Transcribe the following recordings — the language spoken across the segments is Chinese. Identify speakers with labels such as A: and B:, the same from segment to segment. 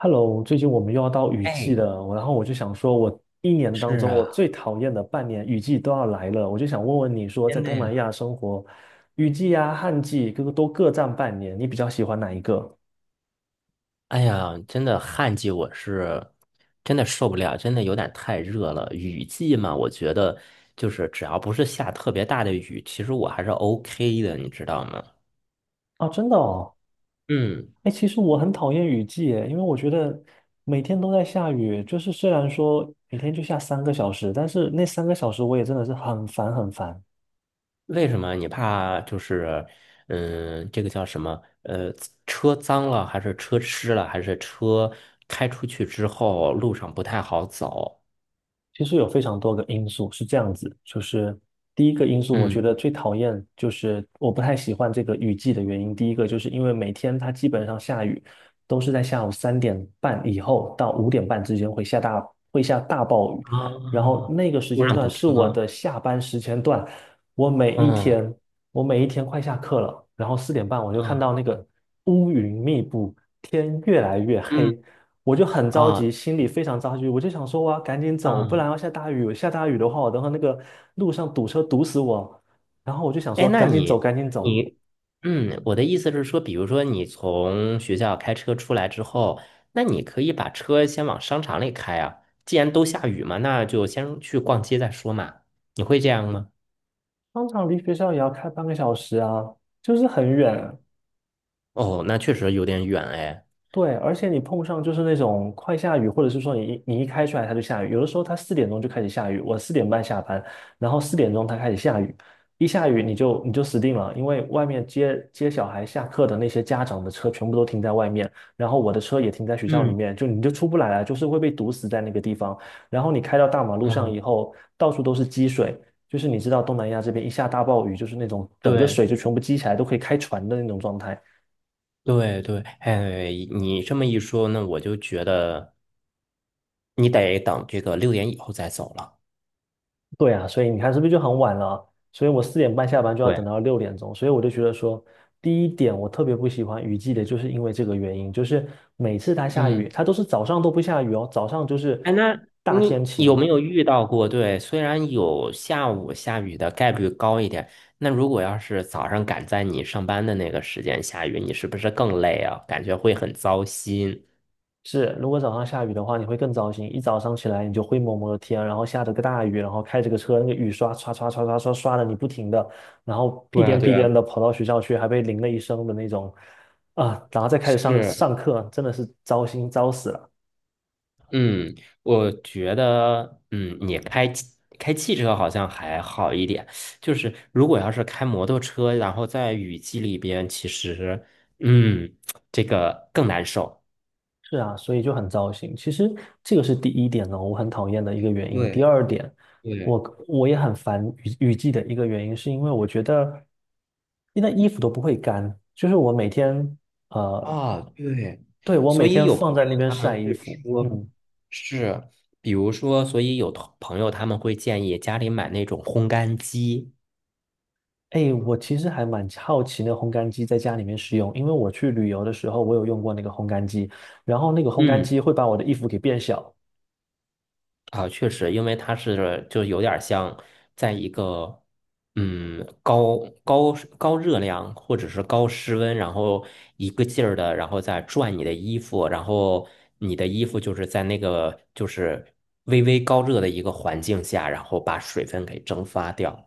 A: Hello，最近我们又要到雨季
B: 哎，
A: 了，然后我就想说，我一年当
B: 是
A: 中我
B: 啊，
A: 最讨厌的半年雨季都要来了，我就想问问你说，在
B: 真的
A: 东南
B: 呀，
A: 亚生活，雨季啊、旱季各个都各占半年，你比较喜欢哪一个？
B: 哎呀，真的旱季我是真的受不了，真的有点太热了。雨季嘛，我觉得就是只要不是下特别大的雨，其实我还是 OK 的，你知道吗？
A: 啊，真的哦，
B: 嗯，
A: 哎，其实我很讨厌雨季耶，因为我觉得每天都在下雨，就是虽然说每天就下三个小时，但是那三个小时我也真的是很烦很烦。
B: 为什么你怕就是这个叫什么？车脏了，还是车湿了，还是车开出去之后路上不太好走？
A: 其实有非常多个因素是这样子，就是第一个因素，我
B: 嗯
A: 觉得最讨厌就是我不太喜欢这个雨季的原因。第一个就是因为每天它基本上下雨都是在下午三点半以后到5点半之间会下大暴雨，
B: 啊，
A: 然后那个时
B: 路
A: 间
B: 上
A: 段
B: 堵
A: 是
B: 车。
A: 我的下班时间段，我每一
B: 嗯
A: 天我每一天快下课了，然后四点半我就看
B: 嗯
A: 到那个乌云密布，天越来越
B: 嗯
A: 黑，我就很着
B: 啊，
A: 急，心里非常着急，我就想说我要赶紧走，不然
B: 嗯，
A: 要下大雨，下大雨的话，我等会那个路上堵车堵死我。然后我就想
B: 哎，
A: 说
B: 那
A: 赶紧走，
B: 你
A: 赶紧走，
B: 你，嗯，我的意思是说，比如说你从学校开车出来之后，那你可以把车先往商场里开啊。既然都下雨嘛，那就先去逛街再说嘛。你会这样吗？
A: 商场离学校也要开半个小时啊，就是很远。
B: 哦，那确实有点远哎。
A: 对，而且你碰上就是那种快下雨，或者是说你一开出来它就下雨，有的时候它四点钟就开始下雨，我四点半下班，然后四点钟它开始下雨，一下雨你就死定了，因为外面接小孩下课的那些家长的车全部都停在外面，然后我的车也停在学校里
B: 嗯
A: 面，就你就出不来了，就是会被堵死在那个地方。然后你开到大马路上
B: 嗯，
A: 以后，到处都是积水，就是你知道东南亚这边一下大暴雨，就是那种整个
B: 对
A: 水就全部积起来，都可以开船的那种状态。
B: 对对，哎，你这么一说，那我就觉得你得等这个6点以后再走了。
A: 对啊，所以你看是不是就很晚了？所以我四点半下班就要
B: 对，
A: 等到6点钟，所以我就觉得说，第一点我特别不喜欢雨季的，就是因为这个原因，就是每次它下雨，
B: 嗯。
A: 它都是早上都不下雨哦，早上就是
B: 哎，那
A: 大天
B: 你有
A: 晴。
B: 没有遇到过？对，虽然有下午下雨的概率高一点，那如果要是早上赶在你上班的那个时间下雨，你是不是更累啊？感觉会很糟心。
A: 是，如果早上下雨的话，你会更糟心，一早上起来你就灰蒙蒙的天，然后下着个大雨，然后开着个车，那个雨刷刷刷刷刷刷刷的你不停的，然后屁
B: 对啊，
A: 颠屁
B: 对啊，
A: 颠的跑到学校去，还被淋了一身的那种，啊，然后再开始上
B: 是，
A: 上课，真的是糟心糟死了。
B: 嗯，我觉得，你开汽车好像还好一点，就是如果要是开摩托车，然后在雨季里边，其实，嗯，这个更难受。
A: 是啊，所以就很糟心。其实这个是第一点呢，我很讨厌的一个原因。第
B: 对
A: 二点，
B: 对。
A: 我也很烦雨季的一个原因，是因为我觉得那衣服都不会干，就是我每天呃，
B: 啊，对，
A: 对，我
B: 所
A: 每
B: 以
A: 天
B: 有朋
A: 放在那
B: 友
A: 边
B: 他们
A: 晒衣
B: 会
A: 服。
B: 说，
A: 嗯，
B: 是，比如说，所以有同朋友他们会建议家里买那种烘干机，
A: 哎，我其实还蛮好奇那个烘干机在家里面使用，因为我去旅游的时候，我有用过那个烘干机，然后那个烘干
B: 嗯，
A: 机会把我的衣服给变小。
B: 啊，确实，因为它是就有点像在一个嗯高高高热量或者是高室温，然后一个劲儿的，然后再转你的衣服，然后你的衣服就是在那个就是微微高热的一个环境下，然后把水分给蒸发掉。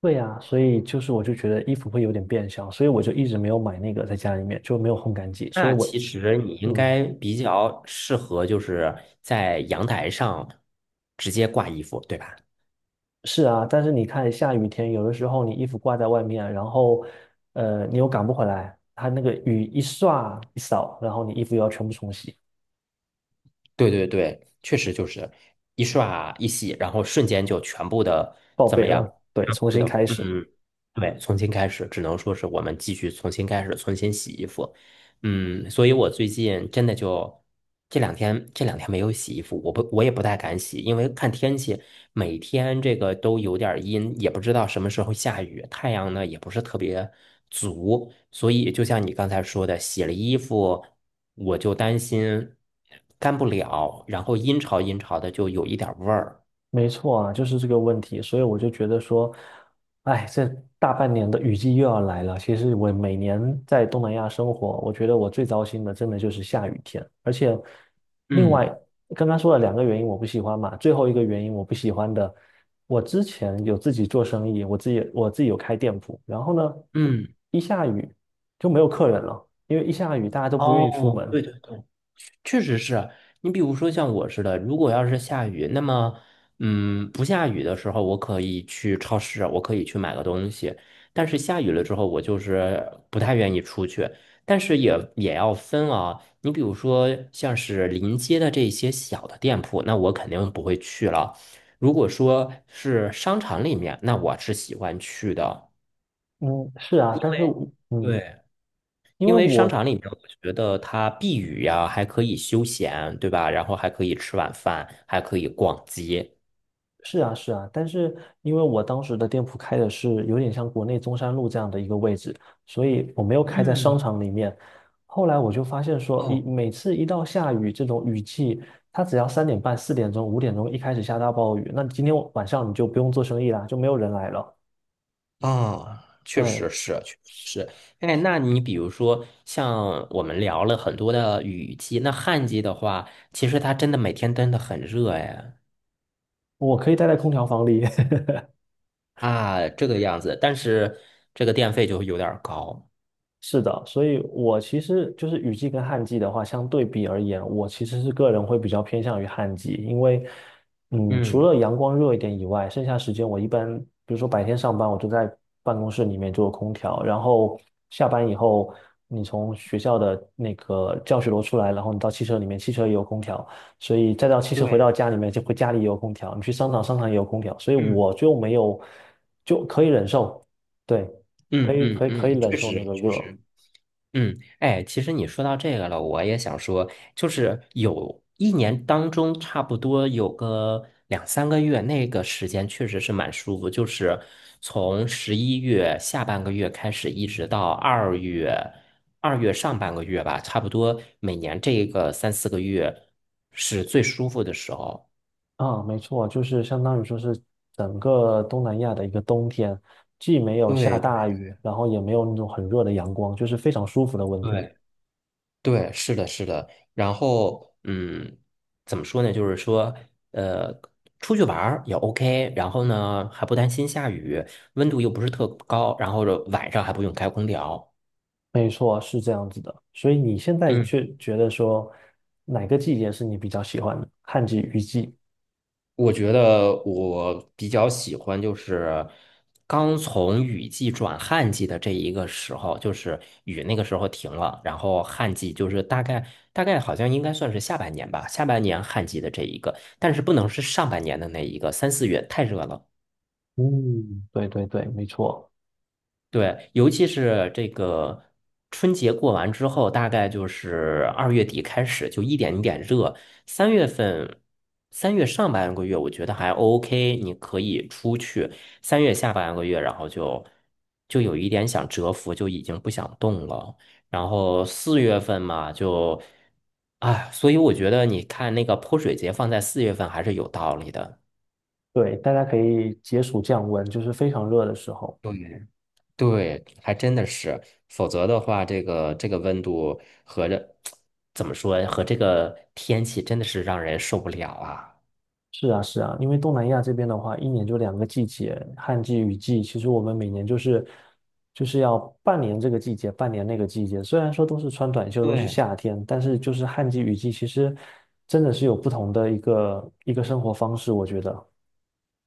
A: 对呀，所以就是我就觉得衣服会有点变小，所以我就一直没有买那个在家里面，就没有烘干机。所以
B: 那
A: 我，
B: 其实你应
A: 嗯，
B: 该比较适合，就是在阳台上直接挂衣服，对吧？
A: 是啊，但是你看下雨天，有的时候你衣服挂在外面，然后，你又赶不回来，它那个雨一刷一扫，然后你衣服又要全部重洗，
B: 对对对，确实就是一刷一洗，然后瞬间就全部的
A: 报
B: 怎
A: 废
B: 么样？
A: 了，对，
B: 全
A: 重
B: 部
A: 新
B: 的，
A: 开始。
B: 嗯，对，重新开始，只能说是我们继续重新开始，重新洗衣服。嗯，所以我最近真的就这两天没有洗衣服，我也不太敢洗，因为看天气，每天这个都有点儿阴，也不知道什么时候下雨，太阳呢也不是特别足，所以就像你刚才说的，洗了衣服我就担心干不了，然后阴潮阴潮的就有一点儿味儿。
A: 没错啊，就是这个问题，所以我就觉得说，哎，这大半年的雨季又要来了。其实我每年在东南亚生活，我觉得我最糟心的真的就是下雨天，而且另外
B: 嗯
A: 刚刚说了两个原因我不喜欢嘛，最后一个原因我不喜欢的，我之前有自己做生意，我自己有开店铺，然后呢，
B: 嗯，
A: 一下雨就没有客人了，因为一下雨大家都不愿意出
B: 哦，
A: 门。
B: 对对对。确实是啊你比如说像我似的，如果要是下雨，那么，不下雨的时候，我可以去超市，我可以去买个东西。但是下雨了之后，我就是不太愿意出去。但是也要分啊，你比如说像是临街的这些小的店铺，那我肯定不会去了。如果说是商场里面，那我是喜欢去的。
A: 嗯，是啊，但是我嗯，
B: 对，
A: 因
B: 因
A: 为
B: 为商
A: 我
B: 场里面，我觉得它避雨呀，还可以休闲，对吧？然后还可以吃晚饭，还可以逛街。
A: 是啊，是啊，但是因为我当时的店铺开的是有点像国内中山路这样的一个位置，所以我没有开在商
B: 嗯，
A: 场里面。后来我就发现说，
B: 哦，
A: 每次一到下雨这种雨季，它只要三点半、四点钟、5点钟一开始下大暴雨，那今天晚上你就不用做生意啦，就没有人来了。
B: 啊，确
A: 对，
B: 实是，确实是。哎，那你比如说，像我们聊了很多的雨季，那旱季的话，其实它真的每天真的很热哎
A: 我可以待在空调房里。
B: 啊，这个样子。但是这个电费就有点儿高。
A: 是的，所以我其实就是雨季跟旱季的话，相对比而言，我其实是个人会比较偏向于旱季，因为，嗯，除
B: 嗯
A: 了阳光热一点以外，剩下时间我一般，比如说白天上班，我就在办公室里面就有空调，然后下班以后，你从学校的那个教学楼出来，然后你到汽车里面，汽车也有空调，所以再到汽车回
B: 对，
A: 到家里面，就会家里也有空调，你去商场，商场也有空调，所以
B: 嗯，
A: 我就没有，就可以忍受，对，
B: 嗯嗯
A: 可以
B: 嗯，
A: 忍
B: 确
A: 受
B: 实
A: 那个
B: 确
A: 热。
B: 实。嗯，哎，其实你说到这个了，我也想说，就是有一年当中，差不多有个两三个月，那个时间确实是蛮舒服，就是从11月下半个月开始，一直到二月，二月上半个月吧，差不多每年这个三四个月是最舒服的时候。
A: 啊，没错，就是相当于说是整个东南亚的一个冬天，既没有下
B: 对对，
A: 大雨，然后也没有那种很热的阳光，就是非常舒服的温度。
B: 对，对，是的，是的。然后，怎么说呢？就是说，呃，出去玩儿也 OK，然后呢，还不担心下雨，温度又不是特高，然后晚上还不用开空调。
A: 没错，是这样子的。所以你现在
B: 嗯，
A: 却觉得说哪个季节是你比较喜欢的？旱季、雨季？
B: 我觉得我比较喜欢就是刚从雨季转旱季的这一个时候，就是雨那个时候停了，然后旱季就是大概好像应该算是下半年吧，下半年旱季的这一个，但是不能是上半年的那一个，三四月太热了。
A: 嗯，对对对，没错。
B: 对，尤其是这个春节过完之后，大概就是2月底开始就一点一点热。3月份，三月上半个月我觉得还 OK，你可以出去。三月下半个月，然后就有一点想蛰伏，就已经不想动了。然后四月份嘛，就啊，所以我觉得你看那个泼水节放在四月份还是有道理的。
A: 对，大家可以解暑降温，就是非常热的时候。
B: 对对，还真的是，否则的话，这个温度怎么说呀，和这个天气真的是让人受不了啊。
A: 是啊，是啊，因为东南亚这边的话，一年就两个季节，旱季、雨季。其实我们每年就是要半年这个季节，半年那个季节。虽然说都是穿短袖，都是
B: 对，
A: 夏天，但是就是旱季、雨季，其实真的是有不同的一个一个生活方式。我觉得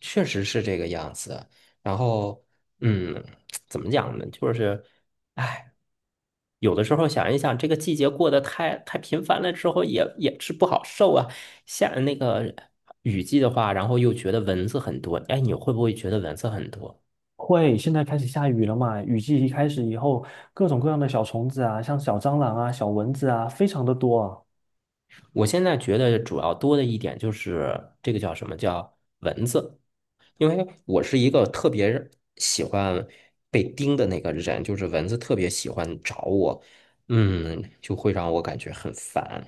B: 确实是这个样子。然后，嗯，怎么讲呢？就是，哎，有的时候想一想，这个季节过得太频繁了之后也是不好受啊。下那个雨季的话，然后又觉得蚊子很多。哎，你会不会觉得蚊子很多？
A: 会，现在开始下雨了嘛，雨季一开始以后，各种各样的小虫子啊，像小蟑螂啊、小蚊子啊，非常的多啊。
B: 我现在觉得主要多的一点就是这个叫什么叫蚊子，因为我是一个特别喜欢被叮的那个人，就是蚊子特别喜欢找我，就会让我感觉很烦，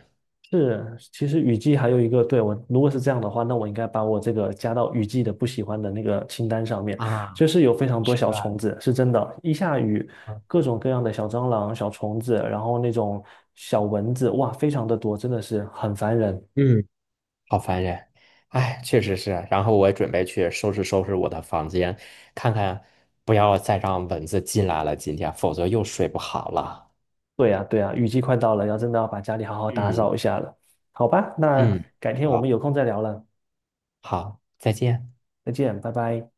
A: 是，其实雨季还有一个，对，我如果是这样的话，那我应该把我这个加到雨季的不喜欢的那个清单上面。
B: 啊，
A: 就是有非常多
B: 是
A: 小
B: 吧？
A: 虫子，是真的，一下雨，
B: 嗯
A: 各种各样的小蟑螂、小虫子，然后那种小蚊子，哇，非常的多，真的是很烦人。
B: 嗯，好烦人，哎，确实是。然后我也准备去收拾收拾我的房间，看看不要再让蚊子进来了，今天，否则又睡不好了。
A: 对呀，对呀，雨季快到了，要真的要把家里好好打
B: 嗯
A: 扫一下了。好吧，那
B: 嗯，
A: 改天我们
B: 好，
A: 有空再聊了，
B: 好，再见。
A: 再见，拜拜。